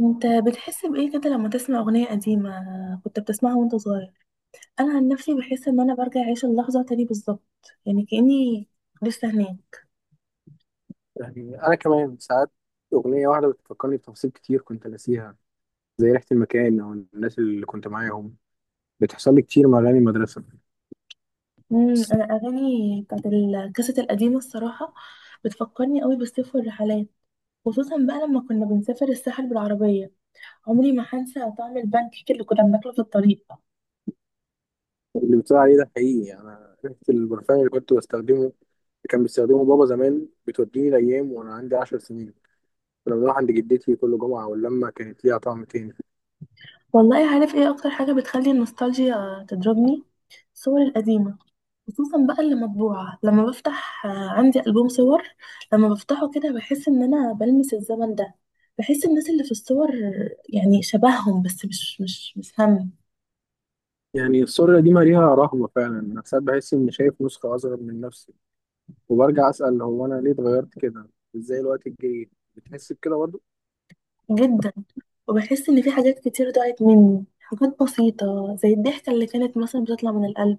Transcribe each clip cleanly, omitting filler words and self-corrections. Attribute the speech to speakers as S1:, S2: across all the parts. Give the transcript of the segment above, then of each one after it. S1: انت بتحس بايه كده لما تسمع اغنيه قديمه كنت بتسمعها وانت صغير؟ انا عن نفسي بحس ان انا برجع اعيش اللحظه تاني بالظبط، يعني كاني لسه هناك.
S2: يعني أنا كمان ساعات أغنية واحدة بتفكرني بتفاصيل كتير كنت ناسيها، زي ريحة المكان أو الناس اللي كنت معاهم. بتحصل لي كتير مع أغاني المدرسة.
S1: انا اغاني بتاعت الكاسيت القديمه الصراحه بتفكرني قوي بالصيف والرحلات، خصوصا بقى لما كنا بنسافر الساحل بالعربيه. عمري ما هنسى طعم البان كيك اللي كنا بناكله في الطريق.
S2: اللي بتقول عليه ده حقيقي، يعني أنا ريحة البرفان اللي كنت بستخدمه كان بيستخدمه بابا زمان بتوديني الأيام وأنا عندي 10 سنين. كنا بنروح عند جدتي كل جمعة واللمة كانت ليها طعم تاني.
S1: والله عارف ايه اكتر حاجه بتخلي النوستالجيا تضربني؟ الصور القديمه، خصوصا بقى اللي مطبوعة. لما بفتح عندي ألبوم صور، لما بفتحه كده بحس إن أنا بلمس الزمن ده. بحس الناس اللي في الصور، يعني شبههم بس مش هم.
S2: يعني السوريا دي مليها رهبة فعلا، أنا ساعات بحس إني شايف نسخة أصغر من نفسي وبرجع أسأل هو أنا ليه اتغيرت كده؟ إزاي الوقت الجري بتحس بكده؟
S1: جدا، وبحس إن في حاجات كتير ضاعت مني، حاجات بسيطة زي الضحكة اللي كانت مثلا بتطلع من القلب،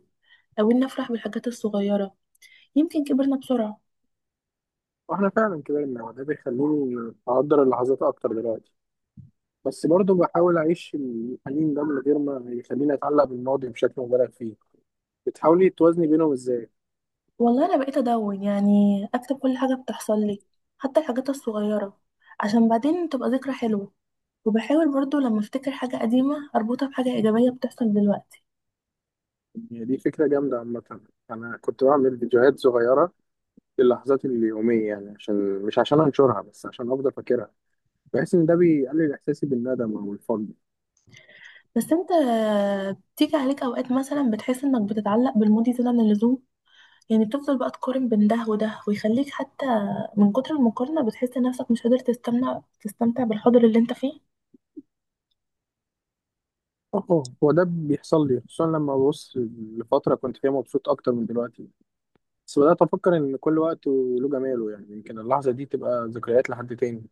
S1: أو إني أفرح بالحاجات الصغيرة. يمكن كبرنا بسرعة.
S2: واحنا فعلا كبرنا، وده بيخليني اقدر اللحظات اكتر دلوقتي. بس برضه بحاول اعيش الحنين ده من غير ما يخليني اتعلق بالماضي بشكل مبالغ فيه. بتحاولي توازني بينهم ازاي؟
S1: والله أنا بقيت أدون، يعني أكتب كل حاجة بتحصل لي، حتى الحاجات الصغيرة، عشان بعدين تبقى ذكرى حلوة. وبحاول برضو لما افتكر حاجة قديمة اربطها بحاجة ايجابية بتحصل دلوقتي.
S2: يعني دي فكرة جامدة عامة. انا كنت بعمل فيديوهات صغيرة للحظات اليومية، يعني عشان مش عشان انشرها، بس عشان افضل فاكرها. بحس ان ده بيقلل احساسي بالندم او الفقد.
S1: بس انت بتيجي عليك اوقات مثلا بتحس انك بتتعلق بالماضي زيادة عن اللزوم؟ يعني بتفضل بقى تقارن بين ده وده، ويخليك حتى من كتر المقارنة بتحس نفسك مش قادر تستمتع بالحاضر اللي انت فيه.
S2: اه، هو ده بيحصل لي خصوصا لما ببص لفترة كنت فيها مبسوط اكتر من دلوقتي. بس بدأت أفكر إن كل وقت وله جماله، يعني يمكن اللحظة دي تبقى ذكريات لحد تاني.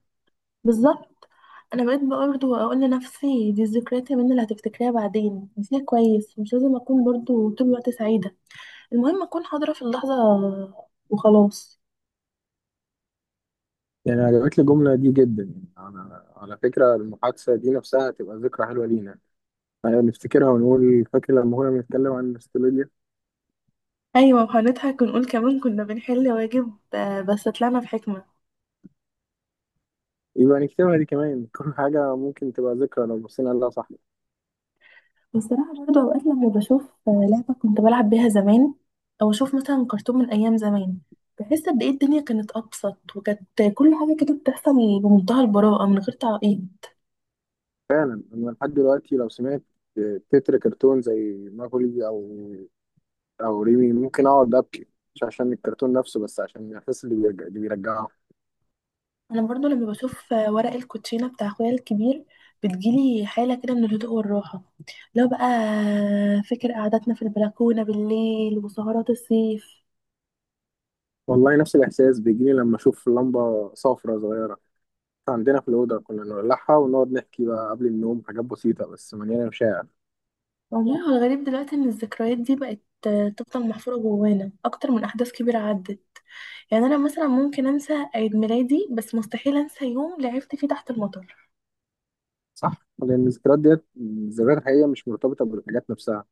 S1: بالظبط، انا بقيت برضو اقول لنفسي، دي الذكريات يا منى اللي هتفتكريها بعدين، دي كويس. مش لازم اكون برضو طول الوقت سعيدة، المهم اكون حاضرة في اللحظة وخلاص.
S2: يعني عجبتني الجملة دي جدا. يعني أنا على فكرة المحادثة دي نفسها تبقى ذكرى حلوة لينا، يعني نفتكرها ونقول فاكر لما كنا بنتكلم عن النوستالجيا.
S1: ايوه، وهنضحك ونقول كمان كنا بنحل واجب بس طلعنا بحكمه.
S2: يبقى نكتبها دي كمان. كل حاجة ممكن تبقى ذكرى لو بصينا لها صح.
S1: والصراحه برضو اوقات لما بشوف لعبه كنت بلعب بيها زمان، او اشوف مثلا كرتون من ايام زمان، بحس قد ايه الدنيا كانت ابسط، وكانت كل حاجه كده بتحصل بمنتهى البراءه من غير تعقيد.
S2: فعلا أنا لحد دلوقتي لو سمعت تتر كرتون زي ماكولي أو ريمي ممكن أقعد أبكي، مش عشان الكرتون نفسه بس عشان الإحساس اللي بيرجعه.
S1: انا برضو لما بشوف ورق الكوتشينه بتاع اخويا الكبير، بتجيلي حاله كده من الهدوء والراحه. لو بقى فكر قعدتنا في البلكونه بالليل وسهرات الصيف.
S2: والله نفس الإحساس بيجيلي لما أشوف لمبة صفرة صغيرة عندنا في الأوضة كنا نولعها ونقعد نحكي بقى قبل النوم حاجات بسيطة بس مليانة مشاعر.
S1: والله هو الغريب دلوقتي ان الذكريات دي بقت تفضل محفورة جوانا اكتر من احداث كبيرة عدت. يعني انا مثلا ممكن انسى عيد ميلادي، بس مستحيل انسى يوم لعبت فيه تحت المطر.
S2: صح؟ لأن الذكريات ديت الذكريات الحقيقية مش مرتبطة بالحاجات نفسها،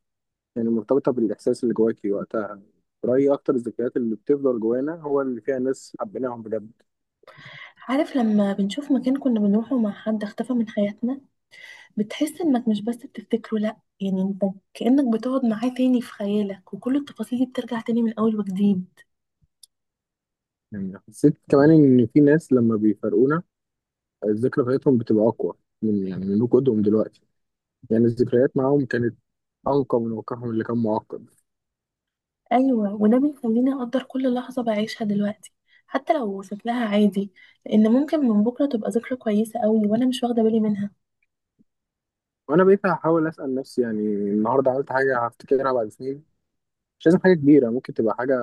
S2: يعني مرتبطة بالإحساس اللي جواكي وقتها. رأيي أكتر الذكريات اللي بتفضل جوانا هو اللي فيها ناس حبيناهم بجد.
S1: عارف لما بنشوف مكان كنا بنروحه مع حد اختفى من حياتنا، بتحس انك مش بس بتفتكره لا، يعني انت كأنك بتقعد معاه تاني في خيالك، وكل التفاصيل دي بترجع تاني من اول وجديد.
S2: يعني حسيت كمان إن في ناس لما بيفارقونا الذكرى بتاعتهم بتبقى أقوى من وجودهم دلوقتي. يعني الذكريات معاهم كانت أنقى من واقعهم اللي كان معقد.
S1: ايوه، وده بيخليني اقدر كل لحظة بعيشها دلوقتي، حتى لو شكلها عادي، لان ممكن من بكرة تبقى ذكرى كويسة قوي وانا مش واخدة بالي منها.
S2: وانا بقيت هحاول اسال نفسي، يعني النهارده عملت حاجه هفتكرها بعد سنين؟ مش لازم حاجه كبيره، ممكن تبقى حاجه،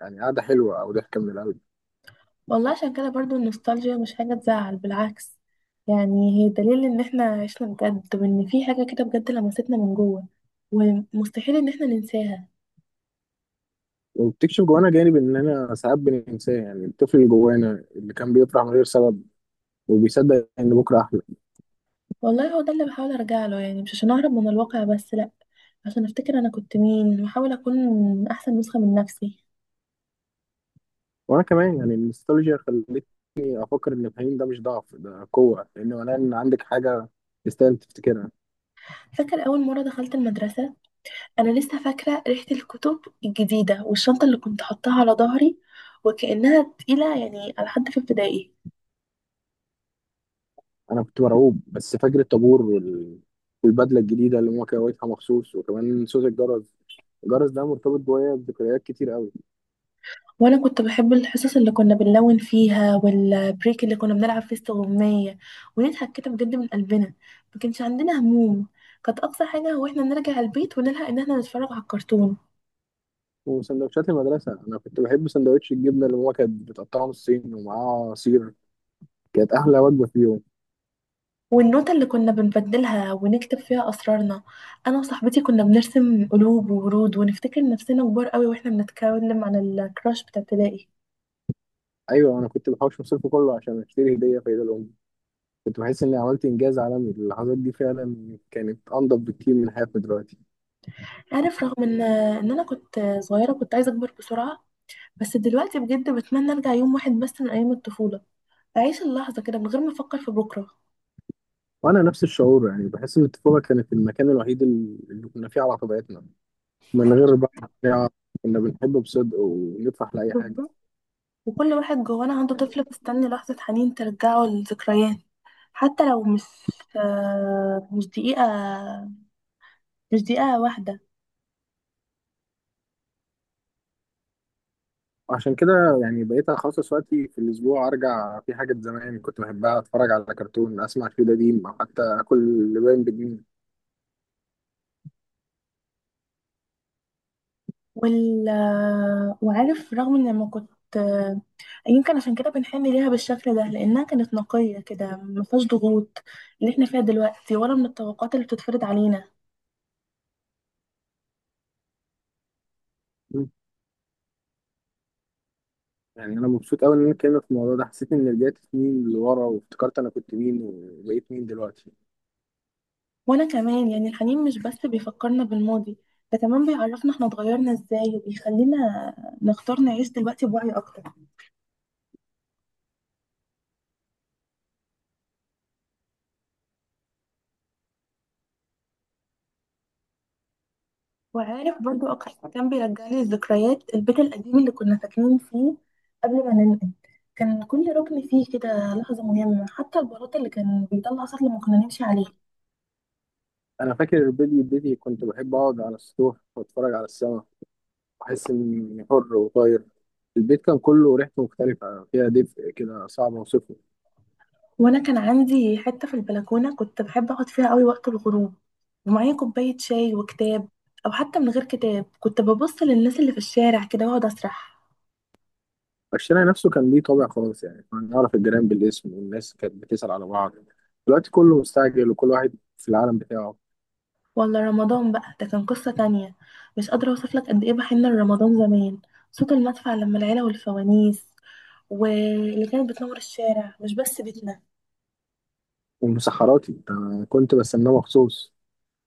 S2: يعني قاعده حلوه او ضحكه من القلب.
S1: والله عشان كده برضو النوستالجيا مش حاجة تزعل، بالعكس، يعني هي دليل ان احنا عشنا بجد، وان في حاجة كده بجد لمستنا من جوه ومستحيل ان احنا ننساها.
S2: وبتكشف جوانا جانب اننا ساعات بننساه، يعني الطفل اللي جوانا اللي كان بيفرح من غير سبب وبيصدق ان بكره احلى.
S1: والله هو ده اللي بحاول ارجع له، يعني مش عشان اهرب من الواقع، بس لا، عشان افتكر انا كنت مين، واحاول اكون احسن نسخة من نفسي.
S2: وانا كمان يعني النوستالجيا خلتني افكر ان الحنين ده مش ضعف، ده قوه، لان معناه ان عندك حاجه تستاهل تفتكرها.
S1: فاكر اول مرة دخلت المدرسة؟ انا لسه فاكرة ريحة الكتب الجديدة والشنطة اللي كنت حطاها على ظهري وكأنها تقيلة، يعني على حد في ابتدائي.
S2: انا كنت مرعوب، بس فاكر الطابور والبدله الجديده اللي ماما كويتها مخصوص، وكمان صوت الجرس. الجرس ده مرتبط جوايا بذكريات كتير قوي.
S1: وانا كنت بحب الحصص اللي كنا بنلون فيها، والبريك اللي كنا بنلعب فيه استغماية ونضحك كده بجد من قلبنا. ما كانش عندنا هموم، كانت اقصى حاجة هو احنا نرجع البيت ونلحق ان احنا نتفرج على الكرتون.
S2: وسندوتشات المدرسة، أنا كنت بحب سندوتش الجبنة اللي ماما كانت بتقطعه نصين ومعاه عصير. كانت أحلى وجبة في اليوم.
S1: والنوتة اللي كنا بنبدلها ونكتب فيها اسرارنا، انا وصاحبتي كنا بنرسم قلوب وورود ونفتكر نفسنا كبار قوي واحنا بنتكلم عن الكراش بتاع ابتدائي.
S2: أيوة، أنا كنت بحوش مصروفي كله عشان أشتري هدية في عيد الأم. كنت بحس إني عملت إنجاز عالمي. اللحظات دي فعلا كانت أنضف بكتير من حياتنا دلوقتي.
S1: عارف رغم ان انا كنت صغيرة كنت عايزة اكبر بسرعة، بس دلوقتي بجد بتمنى ارجع يوم واحد بس من ايام الطفولة، أعيش اللحظة كده من غير ما أفكر في بكرة.
S2: وأنا نفس الشعور، يعني بحس إن الطفولة كانت المكان الوحيد اللي كنا فيه على طبيعتنا، من غير بقى، يعني كنا بنحب بصدق ونفرح لأي حاجة.
S1: بالظبط، وكل واحد جوانا عنده طفل مستني لحظة حنين ترجعه للذكريات، حتى لو مش مش دقيقة، مش دقيقة واحدة.
S2: عشان كده يعني بقيت اخصص وقتي في الاسبوع ارجع في حاجه زمان كنت بحبها، اتفرج على كرتون، اسمع فيه قديم، او حتى اكل لبان بجنيه.
S1: وال آه، وعارف رغم إن لما كنت يمكن عشان كده بنحن ليها بالشكل ده لأنها كانت نقية كده، ما فيهاش ضغوط اللي احنا فيها دلوقتي، ولا من الطبقات اللي بتتفرض علينا.
S2: مم. يعني انا مبسوط قوي ان انا اتكلمت في الموضوع ده، حسيت ان رجعت سنين لورا وافتكرت انا كنت مين وبقيت مين دلوقتي.
S1: وانا كمان يعني الحنين مش بس بيفكرنا بالماضي، ده كمان بيعرفنا احنا اتغيرنا ازاي، وبيخلينا نختار نعيش دلوقتي بوعي اكتر. وعارف برضو اكتر كان بيرجعلي الذكريات البيت القديم اللي كنا ساكنين فيه قبل ما ننقل. كان كل ركن فيه كده لحظة مهمة، حتى البلاط اللي كان بيطلع صوت لما كنا نمشي عليه.
S2: انا فاكر بدري كنت بحب اقعد على السطوح واتفرج على السما واحس اني حر وطاير. البيت كان كله ريحته مختلفه فيها دفء كده صعب اوصفه.
S1: وانا كان عندي حتة في البلكونة كنت بحب اقعد فيها قوي وقت الغروب، ومعايا كوباية شاي وكتاب، او حتى من غير كتاب كنت ببص للناس اللي في الشارع كده واقعد اسرح.
S2: الشارع نفسه كان ليه طابع خلاص، يعني كنا نعرف الجيران بالاسم والناس كانت بتسأل على بعض. دلوقتي كله مستعجل وكل واحد في العالم بتاعه.
S1: ولا رمضان بقى ده كان قصة تانية، مش قادرة أوصف لك قد إيه بحن لرمضان زمان. صوت المدفع لما العيلة، والفوانيس واللي كانت بتنور الشارع مش بس بيتنا.
S2: ومسحراتي أنا كنت بستناه مخصوص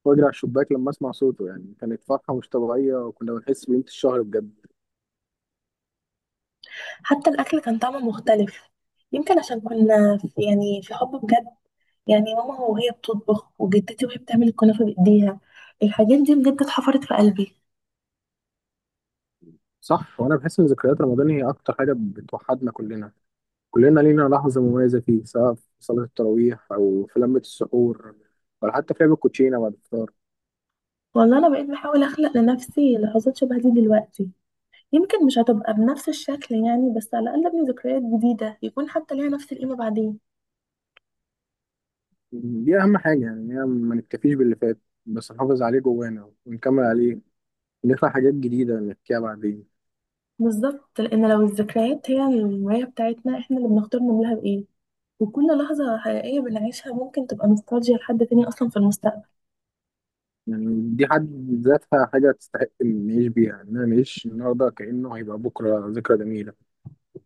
S2: واجري على الشباك لما اسمع صوته، يعني كانت فرحة مش طبيعية وكنا بنحس بقيمة الشهر بجد.
S1: حتى الأكل كان طعمه مختلف، يمكن عشان كنا في يعني في حب بجد. يعني ماما وهي بتطبخ، وجدتي وهي بتعمل الكنافة بإيديها، الحاجات دي بجد اتحفرت في قلبي.
S2: صح، وانا بحس ان ذكريات رمضان هي اكتر حاجة بتوحدنا كلنا. كلنا لينا لحظة مميزة فيه، سواء في صلاة التراويح او في لمة السحور، ولا حتى في لعب الكوتشينة بعد الفطار.
S1: والله أنا بقيت بحاول أخلق لنفسي لحظات شبه دي دلوقتي، يمكن مش هتبقى بنفس الشكل يعني، بس على الأقل أبني ذكريات جديدة يكون حتى ليها نفس القيمة بعدين.
S2: دي أهم حاجة، يعني هي ما نكتفيش باللي فات، بس نحافظ عليه جوانا ونكمل عليه ونخلق حاجات جديدة نحكيها بعدين.
S1: بالظبط، لان لو الذكريات هي المراية بتاعتنا، احنا اللي بنختار نعملها بايه، وكل لحظة حقيقية بنعيشها ممكن تبقى نوستالجيا لحد تاني اصلا في المستقبل.
S2: يعني دي حد ذاتها حاجة تستحق إن نعيش بيها، إن أنا نعيش النهاردة كأنه هيبقى بكرة ذكرى جميلة.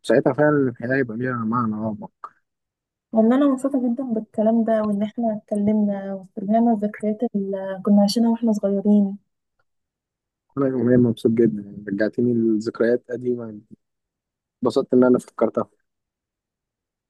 S2: ساعتها فعلا الحياة هيبقى ليها معنى أعمق.
S1: والله انا مبسوطة جدا بالكلام ده، وان احنا اتكلمنا واسترجعنا الذكريات اللي كنا عايشينها واحنا صغيرين.
S2: أنا يوميا مبسوط جدا، يعني رجعتني لذكريات قديمة، اتبسطت إن أنا فكرتها.